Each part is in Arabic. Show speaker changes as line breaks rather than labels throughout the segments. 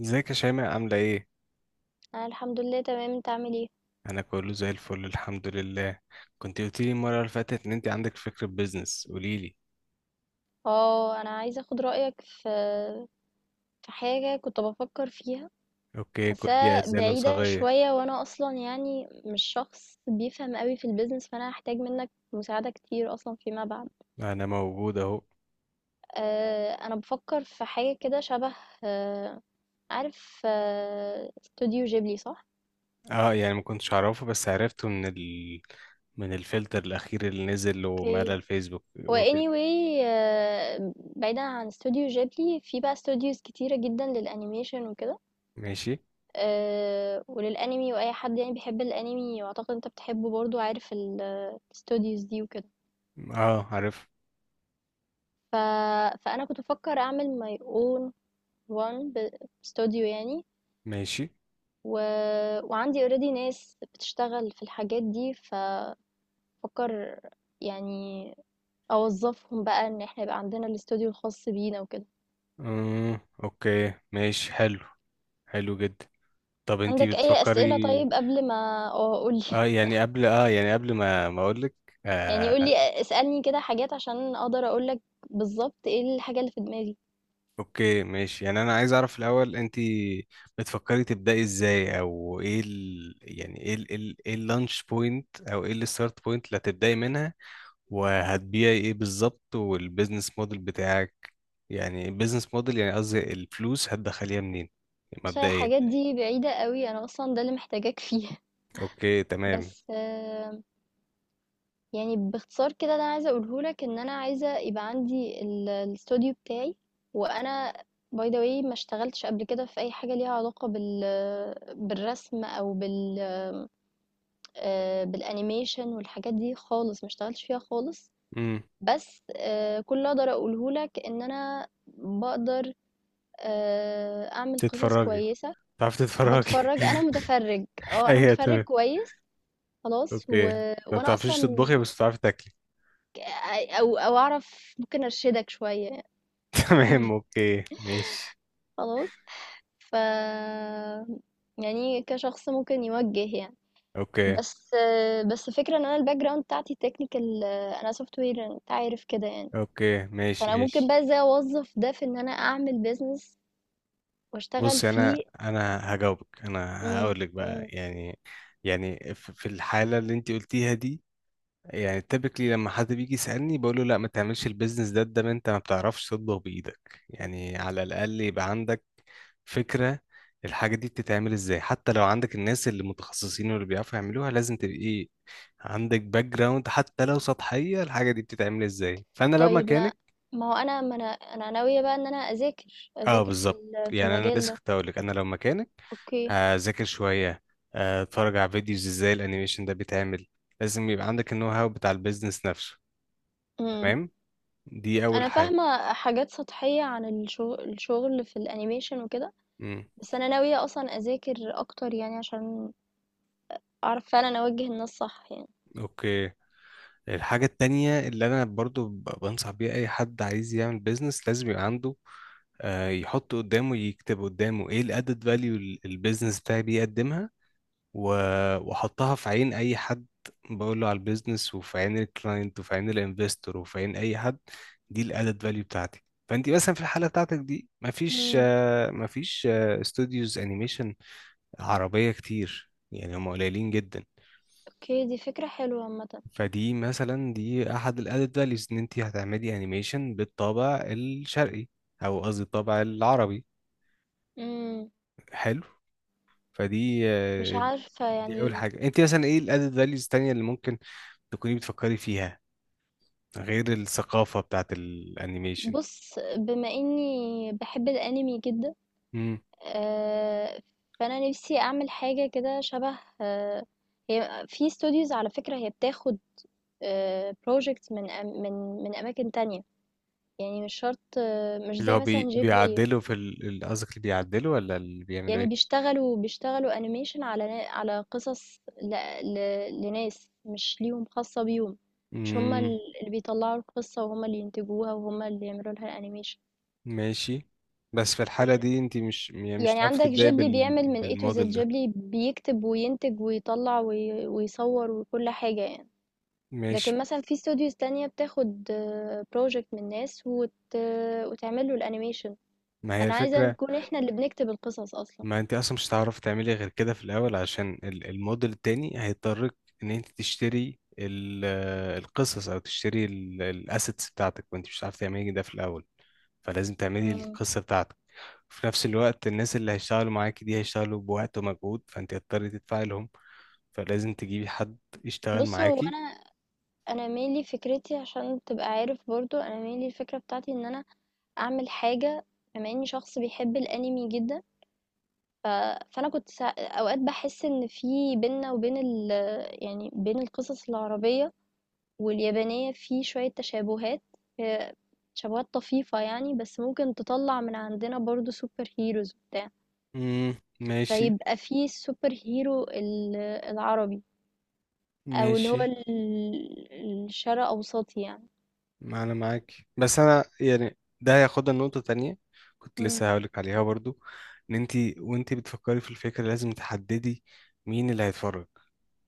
ازيك يا شيماء؟ عاملة ايه؟
انا الحمد لله تمام، انت عامل ايه؟
أنا كله زي الفل الحمد لله. كنت قلتيلي المرة اللي فاتت إن أنت عندك فكرة بيزنس، قوليلي.
اه، انا عايزه اخد رايك في حاجه كنت بفكر فيها.
اوكي، كلي
حاساها
أذان
بعيده
صاغية،
شويه، وانا اصلا يعني مش شخص بيفهم قوي في البيزنس، فانا هحتاج منك مساعده كتير اصلا فيما بعد.
أنا موجود أهو.
أه، انا بفكر في حاجه كده شبه. أه عارف، استوديو جيبلي صح؟
اه يعني ما كنتش أعرفه، بس عرفته من من الفلتر الأخير اللي نزل ومال
اوكي،
الفيسبوك
هو
وكده.
anyway، بعيدا عن استوديو جيبلي في بقى استوديوز كتيرة جدا للانيميشن وكده.
ماشي.
وللأنمي، وأي حد يعني بيحب الأنمي، وأعتقد أنت بتحبه برضه، عارف ال الstudios دي وكده.
اه عارف.
ف فأنا كنت بافكّر أعمل my own one ب studio يعني.
ماشي.
و وعندي already ناس بتشتغل في الحاجات دي، فافكّر يعني أوظّفهم بقى إن إحنا يبقى عندنا الstudio الخاص بينا وكده.
امم اوكي ماشي، حلو، حلو جدا. طب أنت
عندك أي أسئلة؟
بتفكري.
طيب، قبل ما قُل لي.
قبل ما أقولك.
يعني قُل
آه
لي، اسألني كده حاجات عشان أقدر أقول لك بالضبط إيه الحاجة اللي في دماغي.
اوكي ماشي. يعني انا عايز اعرف الاول، انت بتفكري تبداي ازاي؟ او ايه ال... يعني ايه ال... إيه ال- ايه اللانش بوينت، او ايه الستارت بوينت اللي هتبداي منها؟ وهتبيعي ايه بالظبط؟ والبيزنس موديل بتاعك؟ يعني البيزنس موديل، يعني قصدي الفلوس هتدخليها منين
عشان
مبدئيا.
الحاجات دي بعيدة قوي، انا اصلا ده اللي محتاجاك فيه.
اوكي تمام.
بس، يعني باختصار كده اللي انا عايزة اقوله لك ان انا عايزة يبقى عندي الاستوديو بتاعي. وانا باي ذا واي ما اشتغلتش قبل كده في اي حاجة ليها علاقة بالرسم، او بالانيميشن والحاجات دي خالص، ما اشتغلتش فيها خالص.
امم
بس، كل اللي اقدر اقوله لك ان انا بقدر، اعمل قصص
تتفرجي،
كويسة.
تعرفي تتفرجي.
وبتفرج، انا متفرج. اه انا
ايوه
متفرج
تمام،
كويس. خلاص.
اوكي. ما
وانا
بتعرفيش
اصلا،
تطبخي بس بتعرفي تاكلي.
ك- او اعرف ممكن ارشدك شوية.
تمام اوكي ماشي.
خلاص. ف يعني كشخص ممكن يوجه يعني.
اوكي.
بس بس فكرة ان انا الباك جراوند بتاعتي تكنيكال، انا سوفت وير، انت عارف كده يعني.
اوكي ماشي
فانا ممكن
ماشي.
بقى ازاي اوظف ده في ان انا اعمل بيزنس واشتغل
بص يعني انا
فيه.
انا هجاوبك، انا
امم.
هقول لك بقى
امم.
يعني. يعني في الحاله اللي انت قلتيها دي، يعني تبكلي لما حد بيجي يسالني بقول له لا، ما تعملش البيزنس ده، ده ما انت ما بتعرفش تطبخ بايدك، يعني على الاقل يبقى عندك فكره الحاجه دي بتتعمل ازاي. حتى لو عندك الناس اللي متخصصين واللي بيعرفوا يعملوها، لازم تبقى ايه، عندك باك جراوند حتى لو سطحيه الحاجه دي بتتعمل ازاي. فانا لو
طيب، ما
مكانك.
ما هو انا، ما انا ناوية بقى ان انا اذاكر
اه
اذاكر
بالظبط.
في
يعني انا
المجال
لسه
ده.
كنت هقول لك، انا لو مكانك
اوكي.
هذاكر شويه، اتفرج على فيديوز ازاي الانيميشن ده بيتعمل. لازم يبقى عندك النو هاو بتاع البيزنس نفسه، تمام؟ دي اول
أنا
حاجه.
فاهمة حاجات سطحية عن الشغل في الأنيميشن وكده،
مم.
بس أنا ناوية أصلًا أذاكر أكتر يعني عشان أعرف فعلًا أوجّه الناس صح يعني.
اوكي الحاجه التانية اللي انا برضو بنصح بيها اي حد عايز يعمل بيزنس، لازم يبقى عنده، يحط قدامه، يكتب قدامه ايه الادد فاليو البيزنس بتاعي بيقدمها. واحطها في عين اي حد بقول له على البيزنس، وفي عين الكلاينت، وفي عين الانفستور، وفي عين اي حد، دي الادد فاليو بتاعتي. فانت مثلا في الحاله بتاعتك دي مفيش،
إمم.
مفيش استوديوز انيميشن عربيه كتير، يعني هم قليلين جدا.
أوكي، دي فكرة حلوة عامةً.
فدي مثلا دي احد الادد فاليوز، ان انت هتعملي انيميشن بالطابع الشرقي، او قصدي الطابع العربي.
إمم،
حلو. فدي
مش عارفة
دي اول
يعني.
حاجه. انت مثلا ايه الادد فاليوز التانيه اللي ممكن تكوني بتفكري فيها غير الثقافة بتاعت الانيميشن؟
بُص، بما إني باحب الأنمي جدًا،
امم.
آآ، فأنا نفسي أعمل حاجة كده شبه، هي في studios على فكرة هي بتاخد project من أم من من أماكن تانية. يعني مش شرط، مش
اللي
زي
هو
مثلًا Ghibli.
بيعدلوا في قصدك اللي بيعدلوا ولا اللي بيعملوا
يعني
ايه؟
بيشتغلوا أنيميشن على قصص ل... لناس، مش ليهم خاصة بيهم. مش هما
امم
اللي بيطلعوا القصة، وهما اللي ينتجوها، وهما اللي يعملوا لها الأنيميشن.
ماشي. بس في الحالة
مش...
دي انت مش يعني مش
يعني
هتعرفي
عندك
تبدأي
جيبلي بيعمل من A to Z.
بالموديل ده.
جيبلي بيكتب وينتج ويطلع ويصور وكل حاجة يعني.
ماشي.
لكن مثلا في استوديوز تانية بتاخد بروجكت من ناس وتعمل له الأنيميشن.
ما هي
أنا عايزة
الفكرة.
نكون احنا اللي بنكتب القصص أصلا.
ما انت اصلا مش هتعرفي تعملي غير كده في الاول، عشان الموديل التاني هيضطرك ان انت تشتري القصص، او تشتري الاسيتس بتاعتك، وانت مش هتعرفي تعملي ده في الاول. فلازم تعملي
مم.
القصة بتاعتك. وفي نفس الوقت الناس اللي هيشتغلوا معاكي دي هيشتغلوا بوقت ومجهود، فانت هتضطري تدفعي لهم. فلازم تجيبي حد يشتغل
بص، هو
معاكي.
أنا mainly فكرتي. عشان تبقى عارف برضو أنا mainly الفكرة بتاعتي إن أنا أعمل حاجة، بما إني شخص بيحب الأنمي جدا. ف... فأنا كنت أوقات بحس إن في بينا وبين يعني بين القصص العربية واليابانية في شوية تشابهات. آه، تشابهات طفيفة يعني، بس ممكن تطلع من عندنا برضو سوبر هيروز وبتاع.
مم. ماشي
فيبقى في السوبر هيرو العربي، أو اللي هو
ماشي.
الشرق أوسطي يعني.
ما انا معاك، بس انا يعني ده هياخدنا لنقطة تانية كنت
مم.
لسه هقولك عليها برضو. ان انت وانت بتفكري في الفكرة لازم تحددي مين اللي هيتفرج،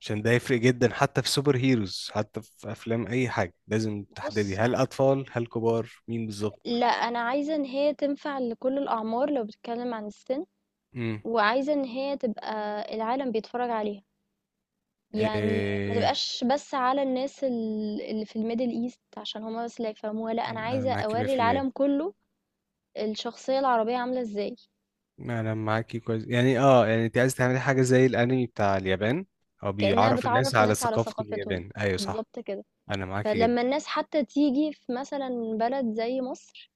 عشان ده يفرق جدا. حتى في سوبر هيروز، حتى في افلام، اي حاجة لازم تحددي،
بص،
هل اطفال، هل كبار، مين بالظبط.
لأ، أنا عايزة إن هي تنفع لكل الأعمار لو بتتكلم عن السن،
امم.
وعايزة إن هي تبقى العالم بيتفرج عليها، يعني ما
إيه...
تبقاش بس على الناس اللي في الMiddle East عشان هُم بس اللي هيفهموها. لأ، أنا
انا
عايزة
معاكي
أورّي
100%.
العالم كله الشخصية العربية عاملة إزاي،
انا معاكي كويس يعني. اه يعني انت عايز تعملي حاجة زي الانمي بتاع اليابان، او
كأنها
بيعرف الناس
بتعرّف
على
الناس على
ثقافة
ثقافتهم،
اليابان، ايوه صح.
بالضبط كده.
انا معاكي جدا.
فلمّا الناس حتى تيجي في مثلًا بلد زي مصر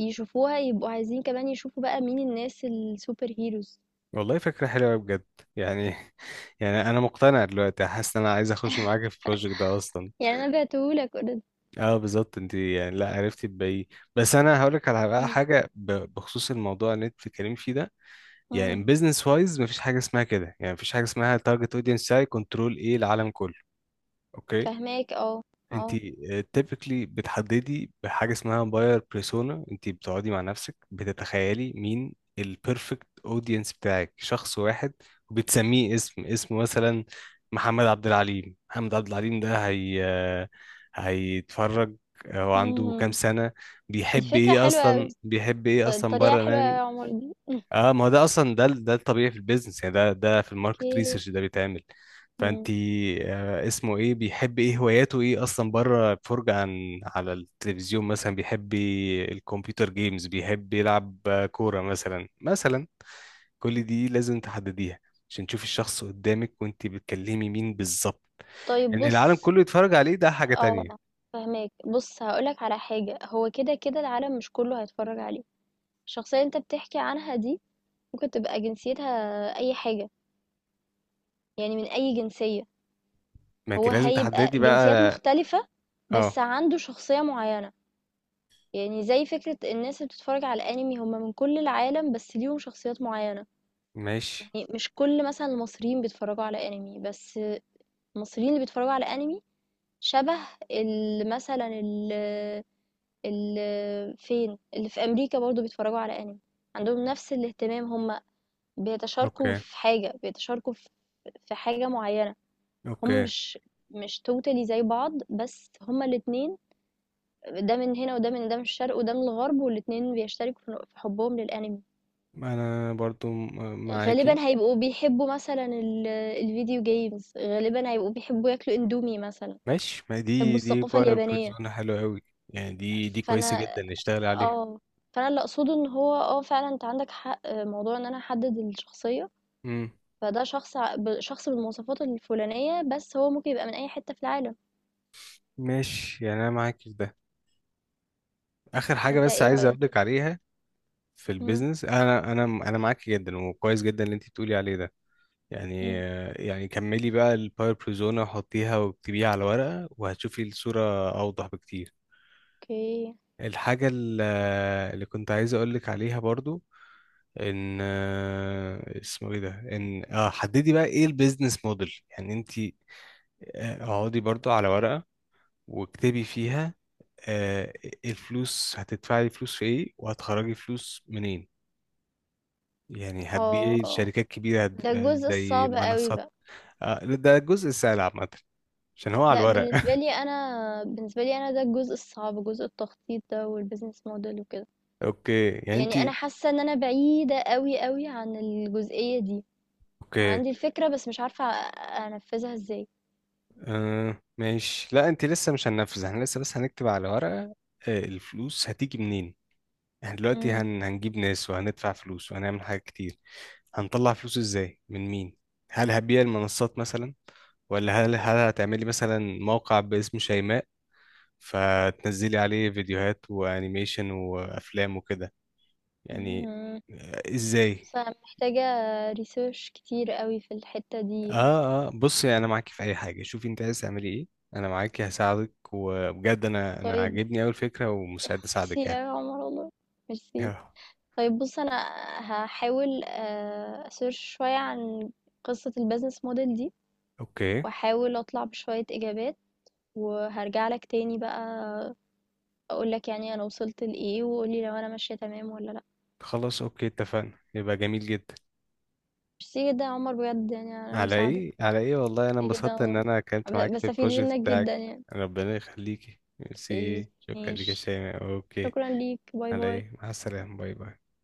يشوفوها، يبقوا عايزين كمان يشوفوا بقى مين الناس الsuper heroes.
والله فكرة حلوة بجد، يعني يعني أنا مقتنع دلوقتي، حاسس إن أنا عايز أخش معاك في البروجكت ده أصلا.
يعني أنا بعته لك already.
أه بالظبط، أنت يعني لا عرفتي تبيعيه. بس أنا هقولك على بقى
إمم.
حاجة بخصوص الموضوع اللي أنت بتتكلمي فيه ده.
إمم.
يعني بزنس وايز مفيش حاجة اسمها كده، يعني مفيش حاجة اسمها تارجت أودينس ساي كنترول إيه، العالم كله. أوكي.
فاهماك، اه.
انت
اه.
تيبيكلي بتحددي بحاجه اسمها باير بيرسونا. انت بتقعدي مع نفسك، بتتخيلي مين البيرفكت اودينس بتاعك، شخص واحد، وبتسميه اسم، اسمه مثلا محمد عبد العليم. محمد عبد العليم ده هي هيتفرج، هو عنده كام
امم.
سنه،
دي
بيحب
فكرة
ايه
حلوة
اصلا،
أوي.
بيحب ايه اصلا
الطريقة
بره.
حلوة أوي يا عمر دي. مم.
اه ما هو ده اصلا، ده الطبيعي في البيزنس، يعني ده في الماركت
اوكي.
ريسيرش ده بيتعمل. فانت
مم.
آه اسمه ايه، بيحب ايه، هواياته ايه اصلا بره، فرجة عن على التلفزيون مثلا، بيحب الكمبيوتر جيمز، بيحب يلعب كورة مثلا، مثلا. كل دي لازم تحدديها، عشان تشوفي الشخص قدامك وانت بتكلمي مين بالظبط.
طيب
ان العالم
بص،
كله يتفرج عليه ده حاجة
اه
تانية.
فاهماك. بص، هقولك على حاجة. هو كده كده العالم مش كله هيتفرج عليه. الشخصية اللي انت بتحكي عنها دي ممكن تبقى جنسيتها أي حاجة، يعني من أي جنسية.
ما انت
هو
لازم
هيبقى
تحددي بقى.
جنسيات مختلفة بس
اه
عنده شخصية معينة. يعني زي فكرة الناس اللي بتتفرج على الأنمي هم من كل العالم بس ليهم شخصيات معينة.
ماشي.
يعني مش كل مثلًا المصريين بيتفرّجوا على أنمي، بس المصريين اللي بيتفرّجوا على أنمي شَبه ال مثلًا ال فين، اللي في أمريكا برضه بيتفرّجوا على أنمي، عندهم نَفْس الاهتمام. هم بيتشاركوا
اوكي
في حاجة، بيتشاركوا في حاجة معيّنة. هم
اوكي.
مش totally زي بعض، بس هم الاتنين، ده من هنا، وده من الشرق، وده من الغرب، والاتنين بيشتركوا في حُبّهم للأنمي.
انا برضو معاكي.
غالبًا هيبقوا بيحبّوا مثلًا ال الvideo games، غالبًا هيبقوا بيحبّوا ياكلوا إندومي مثلًا،
ماشي. ما
بيحبّوا
دي دي
الثقافة
باير
اليابانية.
بريزونا حلوة قوي، يعني دي دي كويسة
فأنا
جدا نشتغل عليها.
آه، فأنا اللي أقصده إن هو، فعلًا أنت عندك حق، موضوع إن أنا أحدّد الشخصية،
امم.
فده شخص، ع ب شخص بالمواصفات الفلانية، بس هو ممكن يبقى من أي حتّة في العالم.
ماشي يعني انا معاك في ده. اخر حاجة
أنت
بس
إيه
عايز
رأيك؟
اقولك عليها في
إمم.
البيزنس. انا معاك جدا وكويس جدا اللي انت بتقولي عليه ده. يعني
إمم.
يعني كملي بقى الباور بريزونا، وحطيها واكتبيها على ورقة، وهتشوفي الصورة اوضح بكتير.
أوكي.
الحاجة ال- اللي كنت عايز اقولك عليها برضو ان، اسمه ايه ده، ان اه حددي بقى ايه البيزنس موديل، يعني انت، اقعدي برضو على ورقة واكتبي فيها، آه، الفلوس هتدفعي فلوس في ايه وهتخرجي فلوس منين. يعني هتبيعي
آه،
شركات كبيرة،
ده الجزء
زي
الصعب أوي
منصات،
بقى.
ده الجزء السهل عامة، عشان هو على
لأ،
الورق.
بالنسبة لي أنا، ده الجزء الصعب، جزء التخطيط ده والbusiness model وكده.
اوكي يعني انت.
يعني انا حاسه ان انا بعيده قوي قوي عن الجزئيه دي.
اوكي
عندي الفكره بس مش عارفه انفذها ازاي.
ماشي، لا انت لسه مش هننفذ، احنا لسه بس هنكتب على ورقة. الفلوس هتيجي منين؟ احنا دلوقتي
امم.
هنجيب ناس وهندفع فلوس وهنعمل حاجات كتير، هنطلع فلوس ازاي من مين؟ هل هبيع المنصات مثلا، ولا هل هتعملي مثلا موقع باسم شيماء فتنزلي عليه فيديوهات وانيميشن وافلام وكده، يعني
امم.
ازاي؟
فمحتاجه ريسيرش كتير قوي في الحته دي يعني.
اه بصي، انا معاكي في اي حاجه، شوفي انت عايز تعملي ايه، انا معاكي هساعدك، وبجد انا
طيب
عاجبني اوي الفكره ومستعد
ميرسي
اساعدك
يا
يعني.
عمر والله، ميرسي.
آه،
طيب بص، انا هحاول، اسيرش شويه عن قصه البيزنس موديل دي،
اوكي،
واحاول اطلع بشويه اجابات، وهرجع لك تاني بقى، اقول لك يعني انا وصلت لايه، وقولي لو انا ماشيه تمام ولا لا.
خلاص اوكي اتفقنا، يبقى جميل جدا.
ميرسي جدًا يا عمر بجد يعني على
على
المساعدة.
ايه، على ايه، والله انا
ميرسي جدًا،
انبسطت ان
و
انا
ب
كنت معاك في
باستفيد
البروجكت
منّك
بتاعك.
جدًا يعني.
ربنا يخليكي،
أوكي،
ميرسي، شكرا ليك يا
ماشي،
شيماء، اوكي.
شكرًا ليك، باي،
على
باي.
ايه، مع السلامة، باي باي.